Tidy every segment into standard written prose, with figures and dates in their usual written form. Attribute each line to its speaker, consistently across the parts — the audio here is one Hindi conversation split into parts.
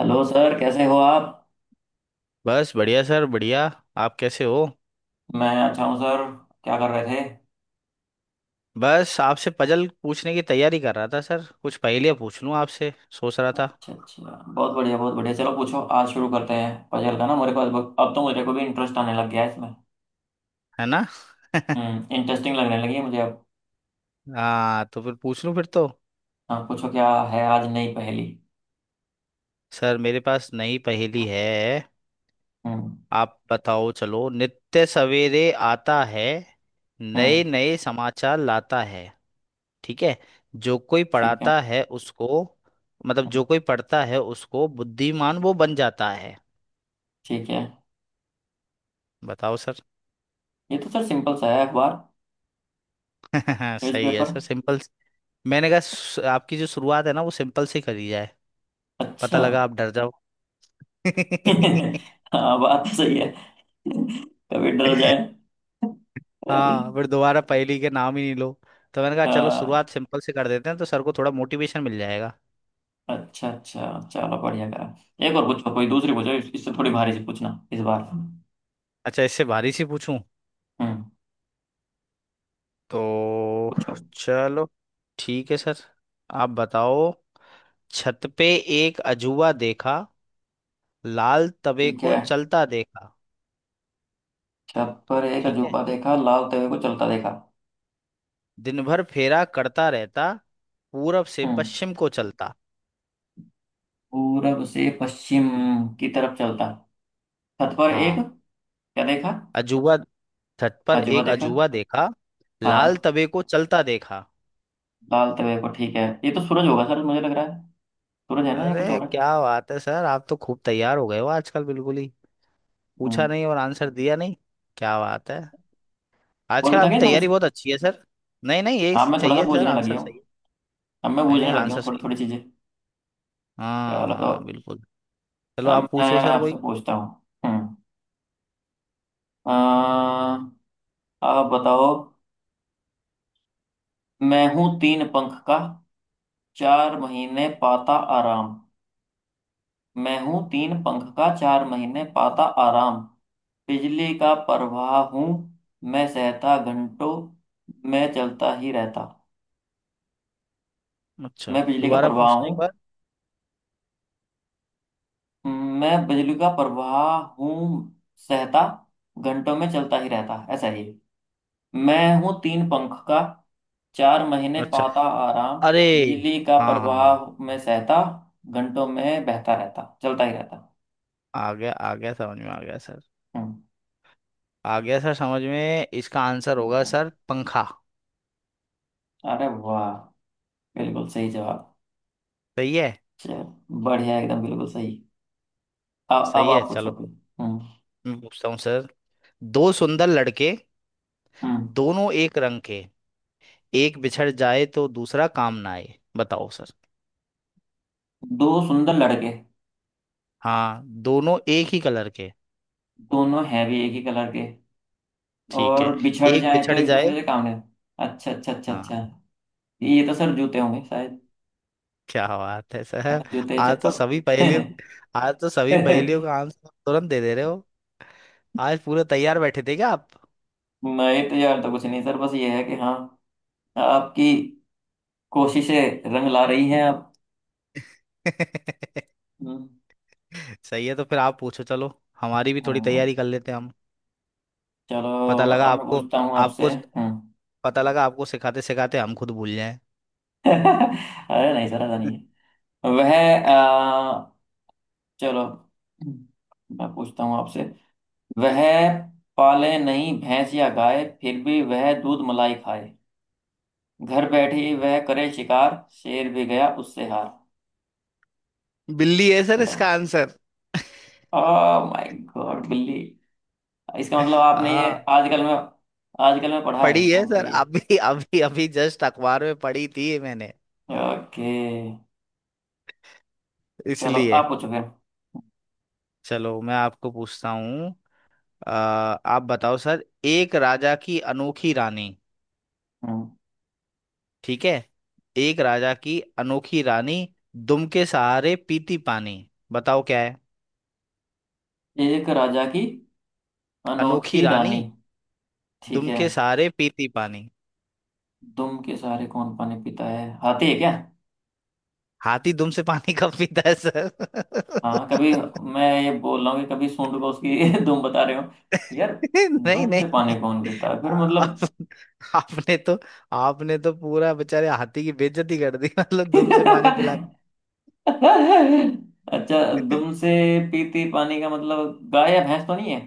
Speaker 1: हेलो सर, कैसे हो आप?
Speaker 2: बस बढ़िया सर बढ़िया। आप कैसे हो?
Speaker 1: मैं अच्छा हूँ सर। क्या कर रहे थे?
Speaker 2: बस आपसे पजल पूछने की तैयारी कर रहा था सर, कुछ पहेलियाँ पूछ लूँ आपसे, सोच रहा था।
Speaker 1: अच्छा, अच्छा। बहुत बढ़िया, बहुत बढ़िया। चलो पूछो, आज शुरू करते हैं पजल का ना। मेरे को अब तो मेरे को भी इंटरेस्ट आने लग गया है इसमें।
Speaker 2: है ना।
Speaker 1: इंटरेस्टिंग लगने लगी है मुझे अब।
Speaker 2: हाँ, तो फिर पूछ लूँ फिर तो।
Speaker 1: हाँ पूछो, क्या है आज नई पहेली?
Speaker 2: सर मेरे पास नई पहेली है।
Speaker 1: हम्म।
Speaker 2: आप बताओ, चलो। नित्य सवेरे आता है, नए
Speaker 1: हम्म।
Speaker 2: नए समाचार लाता है। ठीक है। जो कोई
Speaker 1: ठीक है।
Speaker 2: पढ़ाता है उसको, जो कोई पढ़ता है उसको बुद्धिमान वो बन जाता है।
Speaker 1: ठीक है।
Speaker 2: बताओ सर।
Speaker 1: ये तो सर सिंपल सा है, अखबार,
Speaker 2: सही है
Speaker 1: न्यूज़पेपर।
Speaker 2: Sir, simple. मैंने कहा "स- आपकी जो शुरुआत है ना वो सिंपल सी करी जाए, पता
Speaker 1: अच्छा।
Speaker 2: लगा आप डर जाओ।
Speaker 1: हाँ, बात तो सही है। कभी डर जाए।
Speaker 2: हाँ, फिर दोबारा पहेली के नाम ही नहीं लो, तो मैंने कहा चलो
Speaker 1: हाँ।
Speaker 2: शुरुआत सिंपल से कर देते हैं तो सर को थोड़ा मोटिवेशन मिल जाएगा।
Speaker 1: अच्छा, अच्छा, चलो बढ़िया करा। एक और पूछो, कोई दूसरी पूछो, इससे थोड़ी भारी सी पूछना इस बार।
Speaker 2: अच्छा, इससे भारी सी पूछूं।
Speaker 1: हम्म
Speaker 2: तो
Speaker 1: पूछो।
Speaker 2: चलो। ठीक है सर, आप बताओ। छत पे एक अजूबा देखा, लाल तवे
Speaker 1: ठीक
Speaker 2: को
Speaker 1: है।
Speaker 2: चलता देखा।
Speaker 1: छत पर एक
Speaker 2: ठीक है।
Speaker 1: अजूबा देखा, लालते हुए को चलता देखा।
Speaker 2: दिन भर फेरा करता रहता, पूरब से
Speaker 1: हम्म
Speaker 2: पश्चिम को चलता।
Speaker 1: पूरब से पश्चिम की तरफ चलता। छत पर एक
Speaker 2: हाँ।
Speaker 1: क्या देखा?
Speaker 2: अजूबा। छत पर
Speaker 1: अजूबा
Speaker 2: एक
Speaker 1: देखा।
Speaker 2: अजूबा देखा, लाल
Speaker 1: हाँ।
Speaker 2: तवे को चलता देखा।
Speaker 1: लालते हुए को, ठीक है, ये तो सूरज होगा सर, मुझे लग रहा है। सूरज है ना, या कुछ
Speaker 2: अरे
Speaker 1: और है?
Speaker 2: क्या बात है सर, आप तो खूब तैयार हो गए हो आजकल बिल्कुल ही। पूछा
Speaker 1: हम्म
Speaker 2: नहीं और आंसर दिया नहीं। क्या बात है,
Speaker 1: और
Speaker 2: आजकल
Speaker 1: भी था
Speaker 2: आपकी
Speaker 1: क्या इसमें कुछ?
Speaker 2: तैयारी बहुत अच्छी है सर। नहीं नहीं, यही
Speaker 1: हाँ, मैं थोड़ा
Speaker 2: सही
Speaker 1: सा
Speaker 2: है सर,
Speaker 1: बूझने लग
Speaker 2: आंसर
Speaker 1: गया हूँ।
Speaker 2: सही है।
Speaker 1: अब मैं
Speaker 2: नहीं
Speaker 1: बूझने
Speaker 2: नहीं,
Speaker 1: लग गया
Speaker 2: आंसर
Speaker 1: हूँ थोड़ी
Speaker 2: सही
Speaker 1: थोड़ी चीजें।
Speaker 2: है।
Speaker 1: चलो
Speaker 2: हाँ
Speaker 1: तो।
Speaker 2: बिल्कुल। चलो
Speaker 1: अब
Speaker 2: आप
Speaker 1: मैं
Speaker 2: पूछो सर
Speaker 1: आपसे
Speaker 2: कोई।
Speaker 1: पूछता हूँ। हम्म। आप बताओ। मैं हूं तीन पंख का, चार महीने पाता आराम। मैं हूं तीन पंख का, चार महीने पाता आराम। बिजली का प्रवाह हूं, मैं सहता घंटों, मैं चलता ही रहता।
Speaker 2: अच्छा,
Speaker 1: मैं बिजली का
Speaker 2: दोबारा
Speaker 1: प्रवाह
Speaker 2: पूछना एक
Speaker 1: हूं,
Speaker 2: बार।
Speaker 1: मैं बिजली का प्रवाह हूं, सहता घंटों में चलता ही रहता, ऐसा ही। मैं हूँ तीन पंख का, चार महीने
Speaker 2: अच्छा।
Speaker 1: पाता आराम।
Speaker 2: अरे,
Speaker 1: बिजली का
Speaker 2: हाँ हाँ हाँ हाँ।
Speaker 1: प्रवाह में सहता, घंटों में बहता रहता, चलता ही रहता।
Speaker 2: आ गया आ गया, समझ में आ गया सर।
Speaker 1: हम्म।
Speaker 2: आ गया सर समझ में, इसका आंसर होगा
Speaker 1: बताओ।
Speaker 2: सर पंखा।
Speaker 1: अरे वाह, बिल्कुल सही जवाब।
Speaker 2: सही है,
Speaker 1: चल बढ़िया, एकदम बिल्कुल सही। अब
Speaker 2: सही है।
Speaker 1: आप पूछो
Speaker 2: चलो,
Speaker 1: कोई। हम्म।
Speaker 2: मैं पूछता हूँ सर। दो सुंदर लड़के,
Speaker 1: हम्म।
Speaker 2: दोनों एक रंग के, एक बिछड़ जाए तो दूसरा काम ना आए। बताओ सर।
Speaker 1: दो सुंदर लड़के,
Speaker 2: हाँ, दोनों एक ही कलर के।
Speaker 1: दोनों हैं भी एक ही कलर के,
Speaker 2: ठीक है।
Speaker 1: और बिछड़
Speaker 2: एक
Speaker 1: जाएं तो
Speaker 2: बिछड़
Speaker 1: एक
Speaker 2: जाए।
Speaker 1: दूसरे से काम नहीं। अच्छा, अच्छा, अच्छा, अच्छा।
Speaker 2: हाँ।
Speaker 1: ये तो सर जूते होंगे शायद।
Speaker 2: क्या बात है
Speaker 1: हाँ,
Speaker 2: सर।
Speaker 1: जूते
Speaker 2: आज तो
Speaker 1: चप्पल।
Speaker 2: सभी पहेलियों आज तो सभी पहेलियों का आंसर तुरंत दे दे रहे हो। आज पूरे तैयार बैठे थे क्या आप?
Speaker 1: मैं तो यार तो कुछ नहीं सर, बस ये है कि हाँ। आपकी कोशिशें रंग ला रही हैं आप। हम्म।
Speaker 2: सही है, तो फिर आप पूछो चलो। हमारी भी थोड़ी
Speaker 1: हम्म,
Speaker 2: तैयारी कर लेते हैं हम।
Speaker 1: चलो।
Speaker 2: पता लगा
Speaker 1: अब मैं
Speaker 2: आपको
Speaker 1: पूछता हूँ आपसे।
Speaker 2: आपको
Speaker 1: हम्म।
Speaker 2: पता लगा आपको सिखाते सिखाते हम खुद भूल जाएं।
Speaker 1: अरे नहीं सर, ऐसा नहीं है। वह अ, चलो, मैं पूछता हूँ आपसे। वह पाले नहीं भैंस या गाय, फिर भी वह दूध मलाई खाए। घर बैठी वह करे शिकार, शेर भी गया उससे हार।
Speaker 2: बिल्ली है सर इसका
Speaker 1: बताओ।
Speaker 2: आंसर।
Speaker 1: ओह माय गॉड, बिल्ली। इसका मतलब आपने ये
Speaker 2: हाँ
Speaker 1: आजकल में, आजकल में पढ़ा है,
Speaker 2: पढ़ी
Speaker 1: इसका
Speaker 2: है
Speaker 1: मतलब
Speaker 2: सर,
Speaker 1: ये।
Speaker 2: अभी अभी अभी जस्ट अखबार में पढ़ी थी ये मैंने,
Speaker 1: ओके। चलो
Speaker 2: इसलिए।
Speaker 1: आप पूछो फिर।
Speaker 2: चलो मैं आपको पूछता हूँ। अ, आप बताओ सर, एक राजा की अनोखी रानी।
Speaker 1: हम्म।
Speaker 2: ठीक है। एक राजा की अनोखी रानी, दुम के सहारे पीती पानी। बताओ क्या है।
Speaker 1: एक राजा की
Speaker 2: अनोखी
Speaker 1: अनोखी
Speaker 2: रानी,
Speaker 1: रानी। ठीक
Speaker 2: दुम
Speaker 1: है।
Speaker 2: के सहारे पीती पानी।
Speaker 1: दुम के सहारे कौन पानी पीता है? हाथी है क्या?
Speaker 2: हाथी दुम से पानी कब पीता है सर?
Speaker 1: हाँ, कभी। मैं ये बोल रहा हूँ कि कभी सूंड को उसकी दुम बता रहे हो। यार,
Speaker 2: नहीं नहीं
Speaker 1: दुम से
Speaker 2: नहीं।
Speaker 1: पानी कौन पीता है फिर
Speaker 2: आप,
Speaker 1: मतलब?
Speaker 2: आपने तो आपने तो पूरा बेचारे हाथी की बेइज्जती कर दी, मतलब दुम से पानी पिला
Speaker 1: अच्छा।
Speaker 2: के।
Speaker 1: दुम से पीती पानी का मतलब गाय या भैंस तो नहीं है?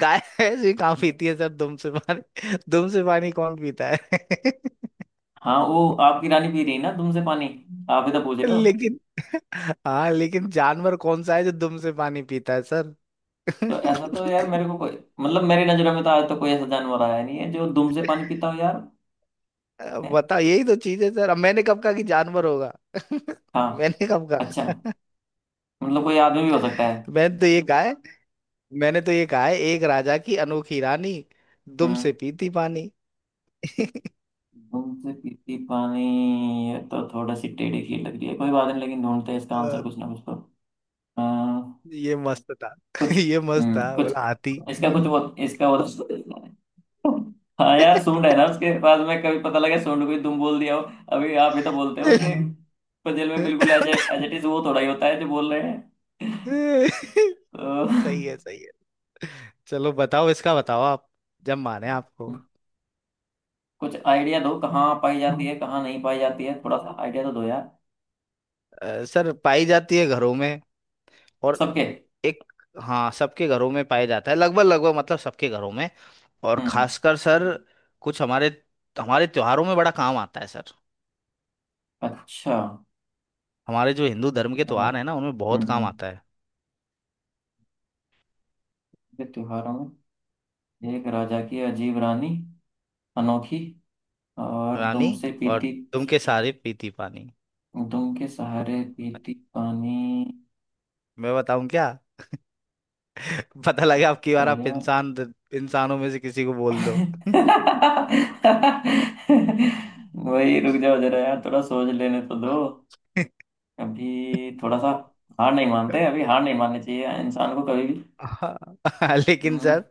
Speaker 2: गाय ऐसी कहाँ पीती है सर दुम से पानी? दुम से पानी कौन पीता है?
Speaker 1: हाँ, वो आपकी रानी पी रही है ना तुमसे पानी। आप ही तो पूछ रहे हो।
Speaker 2: लेकिन, हाँ लेकिन जानवर कौन सा है जो दुम से पानी पीता है सर?
Speaker 1: तो ऐसा तो यार मेरे को कोई। मतलब मेरी नजरों में तो आज तो कोई ऐसा जानवर आया नहीं है जो दुम से पानी पीता हो यार।
Speaker 2: अब
Speaker 1: है?
Speaker 2: बताओ, यही तो चीज है सर, अब मैंने कब कहा कि जानवर होगा?
Speaker 1: हाँ।
Speaker 2: मैंने कब
Speaker 1: अच्छा।
Speaker 2: कहा?
Speaker 1: मतलब कोई आदमी भी हो सकता है?
Speaker 2: मैंने तो ये कहा, मैंने तो ये कहा है, एक राजा की अनोखी रानी, दुम
Speaker 1: हम्म।
Speaker 2: से पीती पानी।
Speaker 1: दुम से पीती पानी। ये तो थोड़ा सी टेढ़ी खीर लग रही है, कोई बात नहीं, लेकिन ढूंढते हैं इसका आंसर
Speaker 2: अ,
Speaker 1: कुछ ना कुछ तो। अम,
Speaker 2: ये मस्त था।
Speaker 1: कुछ,
Speaker 2: ये मस्त था,
Speaker 1: कुछ,
Speaker 2: बोला हाथी।
Speaker 1: इसका कुछ वो, इसका वो तो- हाँ यार सूंड है ना उसके पास में, कभी पता लगे सूंड कोई दुम बोल दिया हो। अभी आप ही तो बोलते हो कि पजल में बिल्कुल एज एज इट इज वो थोड़ा ही होता है जो बोल रहे हैं तो।
Speaker 2: सही है, सही है। चलो बताओ इसका, बताओ आप। जब माने आपको।
Speaker 1: कुछ आइडिया दो, कहाँ पाई जाती है कहाँ नहीं पाई जाती है, थोड़ा सा आइडिया तो दो यार।
Speaker 2: सर पाई जाती है घरों में, और
Speaker 1: सबके।
Speaker 2: एक, हाँ सबके घरों में पाया जाता है लगभग लगभग, मतलब सबके घरों में। और
Speaker 1: हम्म।
Speaker 2: खासकर सर, कुछ हमारे हमारे त्योहारों में बड़ा काम आता है सर।
Speaker 1: अच्छा।
Speaker 2: हमारे जो हिंदू धर्म के
Speaker 1: त्योहार।
Speaker 2: त्योहार है ना उनमें
Speaker 1: हम्म।
Speaker 2: बहुत काम
Speaker 1: हम्म।
Speaker 2: आता है।
Speaker 1: ये त्योहारों में एक राजा की अजीब रानी, अनोखी, और
Speaker 2: रानी,
Speaker 1: दुम से
Speaker 2: और हाँ,
Speaker 1: पीती।
Speaker 2: तुम के सारे पीती पानी।
Speaker 1: दुम के सहारे पीती पानी।
Speaker 2: मैं बताऊं क्या? पता लगा अब की बार आप
Speaker 1: आया।
Speaker 2: इंसान, इंसानों में से किसी को बोल दो।
Speaker 1: वही, रुक जाओ जरा यार, थोड़ा सोच लेने तो दो। अभी थोड़ा सा। हार नहीं मानते, अभी हार नहीं माननी चाहिए इंसान को कभी भी।
Speaker 2: हाँ, लेकिन
Speaker 1: हम्म।
Speaker 2: सर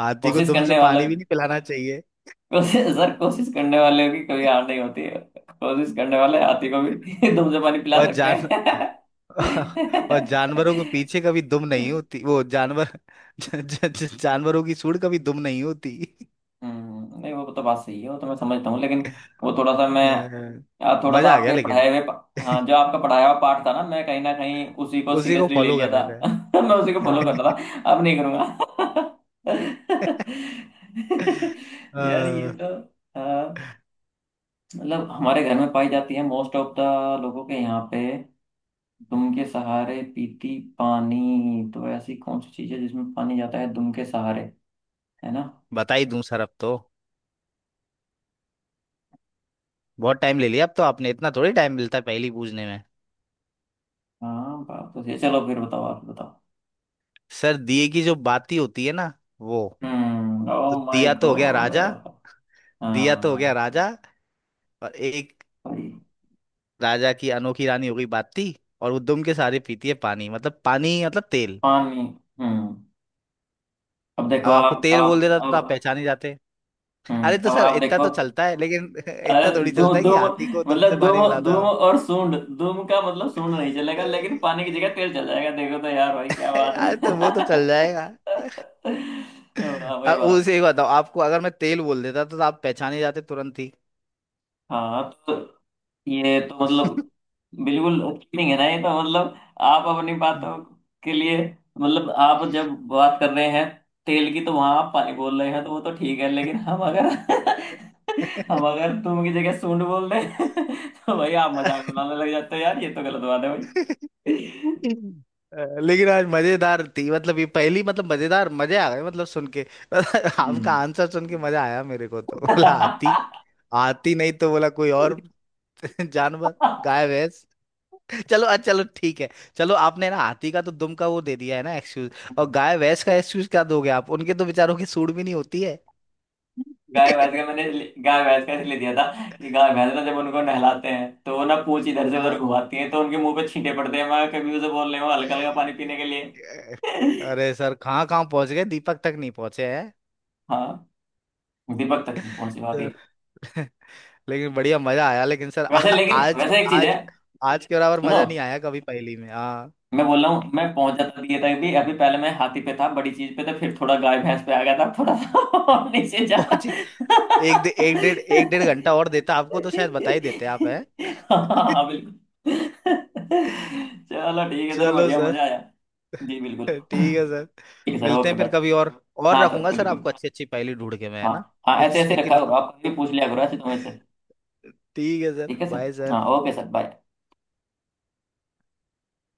Speaker 2: हाथी को
Speaker 1: कोशिश
Speaker 2: दुम से
Speaker 1: करने वाला।
Speaker 2: पानी भी नहीं पिलाना चाहिए।
Speaker 1: कोशिश सर, कोशिश करने वाले की कभी हार नहीं होती है। कोशिश करने वाले हाथी को भी दूध से पानी पिला
Speaker 2: और अरे
Speaker 1: सकते
Speaker 2: जान
Speaker 1: हैं।
Speaker 2: और जानवरों के पीछे कभी दुम नहीं होती वो जानवर। जानवरों की सूंड कभी दुम नहीं होती।
Speaker 1: नहीं वो तो बात सही है, वो तो मैं समझता हूँ लेकिन वो थोड़ा सा मैं।
Speaker 2: अ,
Speaker 1: यार थोड़ा सा
Speaker 2: मजा आ गया
Speaker 1: आपके
Speaker 2: लेकिन।
Speaker 1: पढ़ाए हुए हाँ, जो आपका पढ़ाया हुआ पार्ट था ना, मैं कहीं ना कहीं उसी को
Speaker 2: उसी को
Speaker 1: सीरियसली ले
Speaker 2: फॉलो
Speaker 1: लिया
Speaker 2: कर
Speaker 1: था।
Speaker 2: रहे थे।
Speaker 1: मैं उसी को फॉलो हाँ कर रहा था, अब नहीं करूंगा। यार ये
Speaker 2: अ,
Speaker 1: तो। अ, मतलब हमारे घर में पाई जाती है, मोस्ट ऑफ द लोगों के यहाँ पे। दुम के सहारे पीती पानी, तो ऐसी कौन सी चीज है जिसमें पानी जाता है दुम के सहारे? है ना?
Speaker 2: बता ही दूं सर अब तो, बहुत टाइम ले लिया अब तो आपने, इतना थोड़ी टाइम मिलता है पहेली पूछने में।
Speaker 1: हाँ बात तो सही है। चलो फिर बताओ, आप बताओ।
Speaker 2: सर दिए की जो बाती होती है ना वो,
Speaker 1: ओ
Speaker 2: तो
Speaker 1: माय
Speaker 2: दिया तो हो गया
Speaker 1: गॉड।
Speaker 2: राजा। दिया तो हो गया
Speaker 1: हाँ।
Speaker 2: राजा, और एक राजा की अनोखी रानी हो गई बाती, और वो दुम के सहारे पीती है पानी, मतलब पानी मतलब तेल।
Speaker 1: पानी। हम्म। अब देखो
Speaker 2: अब आपको
Speaker 1: आप
Speaker 2: तेल बोल
Speaker 1: आप
Speaker 2: देता तो आप
Speaker 1: अब।
Speaker 2: पहचान ही जाते। अरे तो
Speaker 1: हम्म। अब
Speaker 2: सर
Speaker 1: आप
Speaker 2: इतना
Speaker 1: देखो।
Speaker 2: तो चलता है लेकिन
Speaker 1: अरे,
Speaker 2: इतना थोड़ी चलता
Speaker 1: दुम
Speaker 2: है कि
Speaker 1: दुम।
Speaker 2: हाथी को दुम से
Speaker 1: मतलब
Speaker 2: पानी पिला
Speaker 1: दुम
Speaker 2: दो
Speaker 1: दुम
Speaker 2: आप।
Speaker 1: और सूंड, दुम का मतलब सूंड नहीं चलेगा लेकिन पानी की जगह तेल चल जाएगा, देखो तो यार भाई क्या बात
Speaker 2: अरे तो वो तो
Speaker 1: है।
Speaker 2: चल जाएगा।
Speaker 1: वाह भाई वाह।
Speaker 2: उसे एक बताओ आपको, अगर मैं तेल बोल देता तो आप पहचाने जाते तुरंत ही।
Speaker 1: हाँ तो, ये तो मतलब, बिल्कुल चीटिंग है ना ये तो मतलब। आप अपनी बातों के लिए मतलब, आप जब बात कर रहे हैं तेल की तो वहां आप पानी बोल रहे हैं, तो वो तो ठीक है लेकिन हम अगर हम अगर तुम की जगह सूंड बोल रहे हैं, तो भाई आप मजाक बनाने लग जाते हो यार, ये तो गलत बात है।
Speaker 2: लेकिन आज मजेदार थी, मतलब ये पहली मतलब मजेदार, मजे आ गए मतलब सुन के। आपका आंसर सुन के मजा आया मेरे को, तो बोला हाथी, हाथी नहीं तो बोला कोई
Speaker 1: भाई।
Speaker 2: और जानवर,
Speaker 1: हम्म।
Speaker 2: गाय भैंस। चलो अच्छा, चलो ठीक है। चलो आपने ना हाथी का तो दुम का वो दे दिया है ना एक्सक्यूज, और गाय भैंस का एक्सक्यूज क्या दोगे आप, उनके तो बेचारों की सूढ़ भी नहीं होती है।
Speaker 1: गाय भैंस का गाय भैंस का इसलिए दिया था कि गाय भैंस ना जब उनको नहलाते हैं तो वो ना पूंछ इधर से उधर
Speaker 2: हाँ।
Speaker 1: घुमाती है, तो उनके मुंह पे छींटे पड़ते हैं, मैं कभी उसे बोल रही हूँ हल्का हल्का पानी पीने के लिए।
Speaker 2: अरे सर कहाँ कहाँ पहुंच गए, दीपक तक नहीं पहुंचे हैं।
Speaker 1: हाँ। दीपक तक नहीं पहुंची बाकी।
Speaker 2: लेकिन बढ़िया मजा आया, लेकिन सर
Speaker 1: वैसे लेकिन वैसे एक चीज है,
Speaker 2: आज, आज के बराबर
Speaker 1: सुनो।
Speaker 2: मजा नहीं आया कभी पहली में, हाँ।
Speaker 1: मैं बोल रहा हूँ मैं पहुंच जाता दिए तक भी, अभी पहले मैं हाथी पे था, बड़ी चीज पे था, फिर थोड़ा गाय भैंस पे आ गया था, थोड़ा सा और नीचे जाता।
Speaker 2: पहुंची। एक डेढ़ घंटा और देता आपको तो शायद बता ही देते आप हैं।
Speaker 1: हाँ बिल्कुल। चलो ठीक है सर,
Speaker 2: चलो
Speaker 1: बढ़िया
Speaker 2: सर।
Speaker 1: मजा आया। जी बिल्कुल
Speaker 2: ठीक है सर,
Speaker 1: ठीक है सर,
Speaker 2: मिलते
Speaker 1: ओके
Speaker 2: हैं फिर
Speaker 1: बाय।
Speaker 2: कभी और, और
Speaker 1: हाँ सर
Speaker 2: रखूंगा सर
Speaker 1: बिल्कुल।
Speaker 2: आपको अच्छी अच्छी पहेली ढूंढ के मैं, है
Speaker 1: हाँ।
Speaker 2: ना,
Speaker 1: हाँ, ऐसे ऐसे
Speaker 2: पूछने के
Speaker 1: रखा करो
Speaker 2: लिए।
Speaker 1: आप, कभी पूछ लिया करो ऐसे तुम्हें से।
Speaker 2: ठीक है सर,
Speaker 1: ठीक है सर।
Speaker 2: बाय
Speaker 1: हाँ
Speaker 2: सर।
Speaker 1: Okay sir, bye.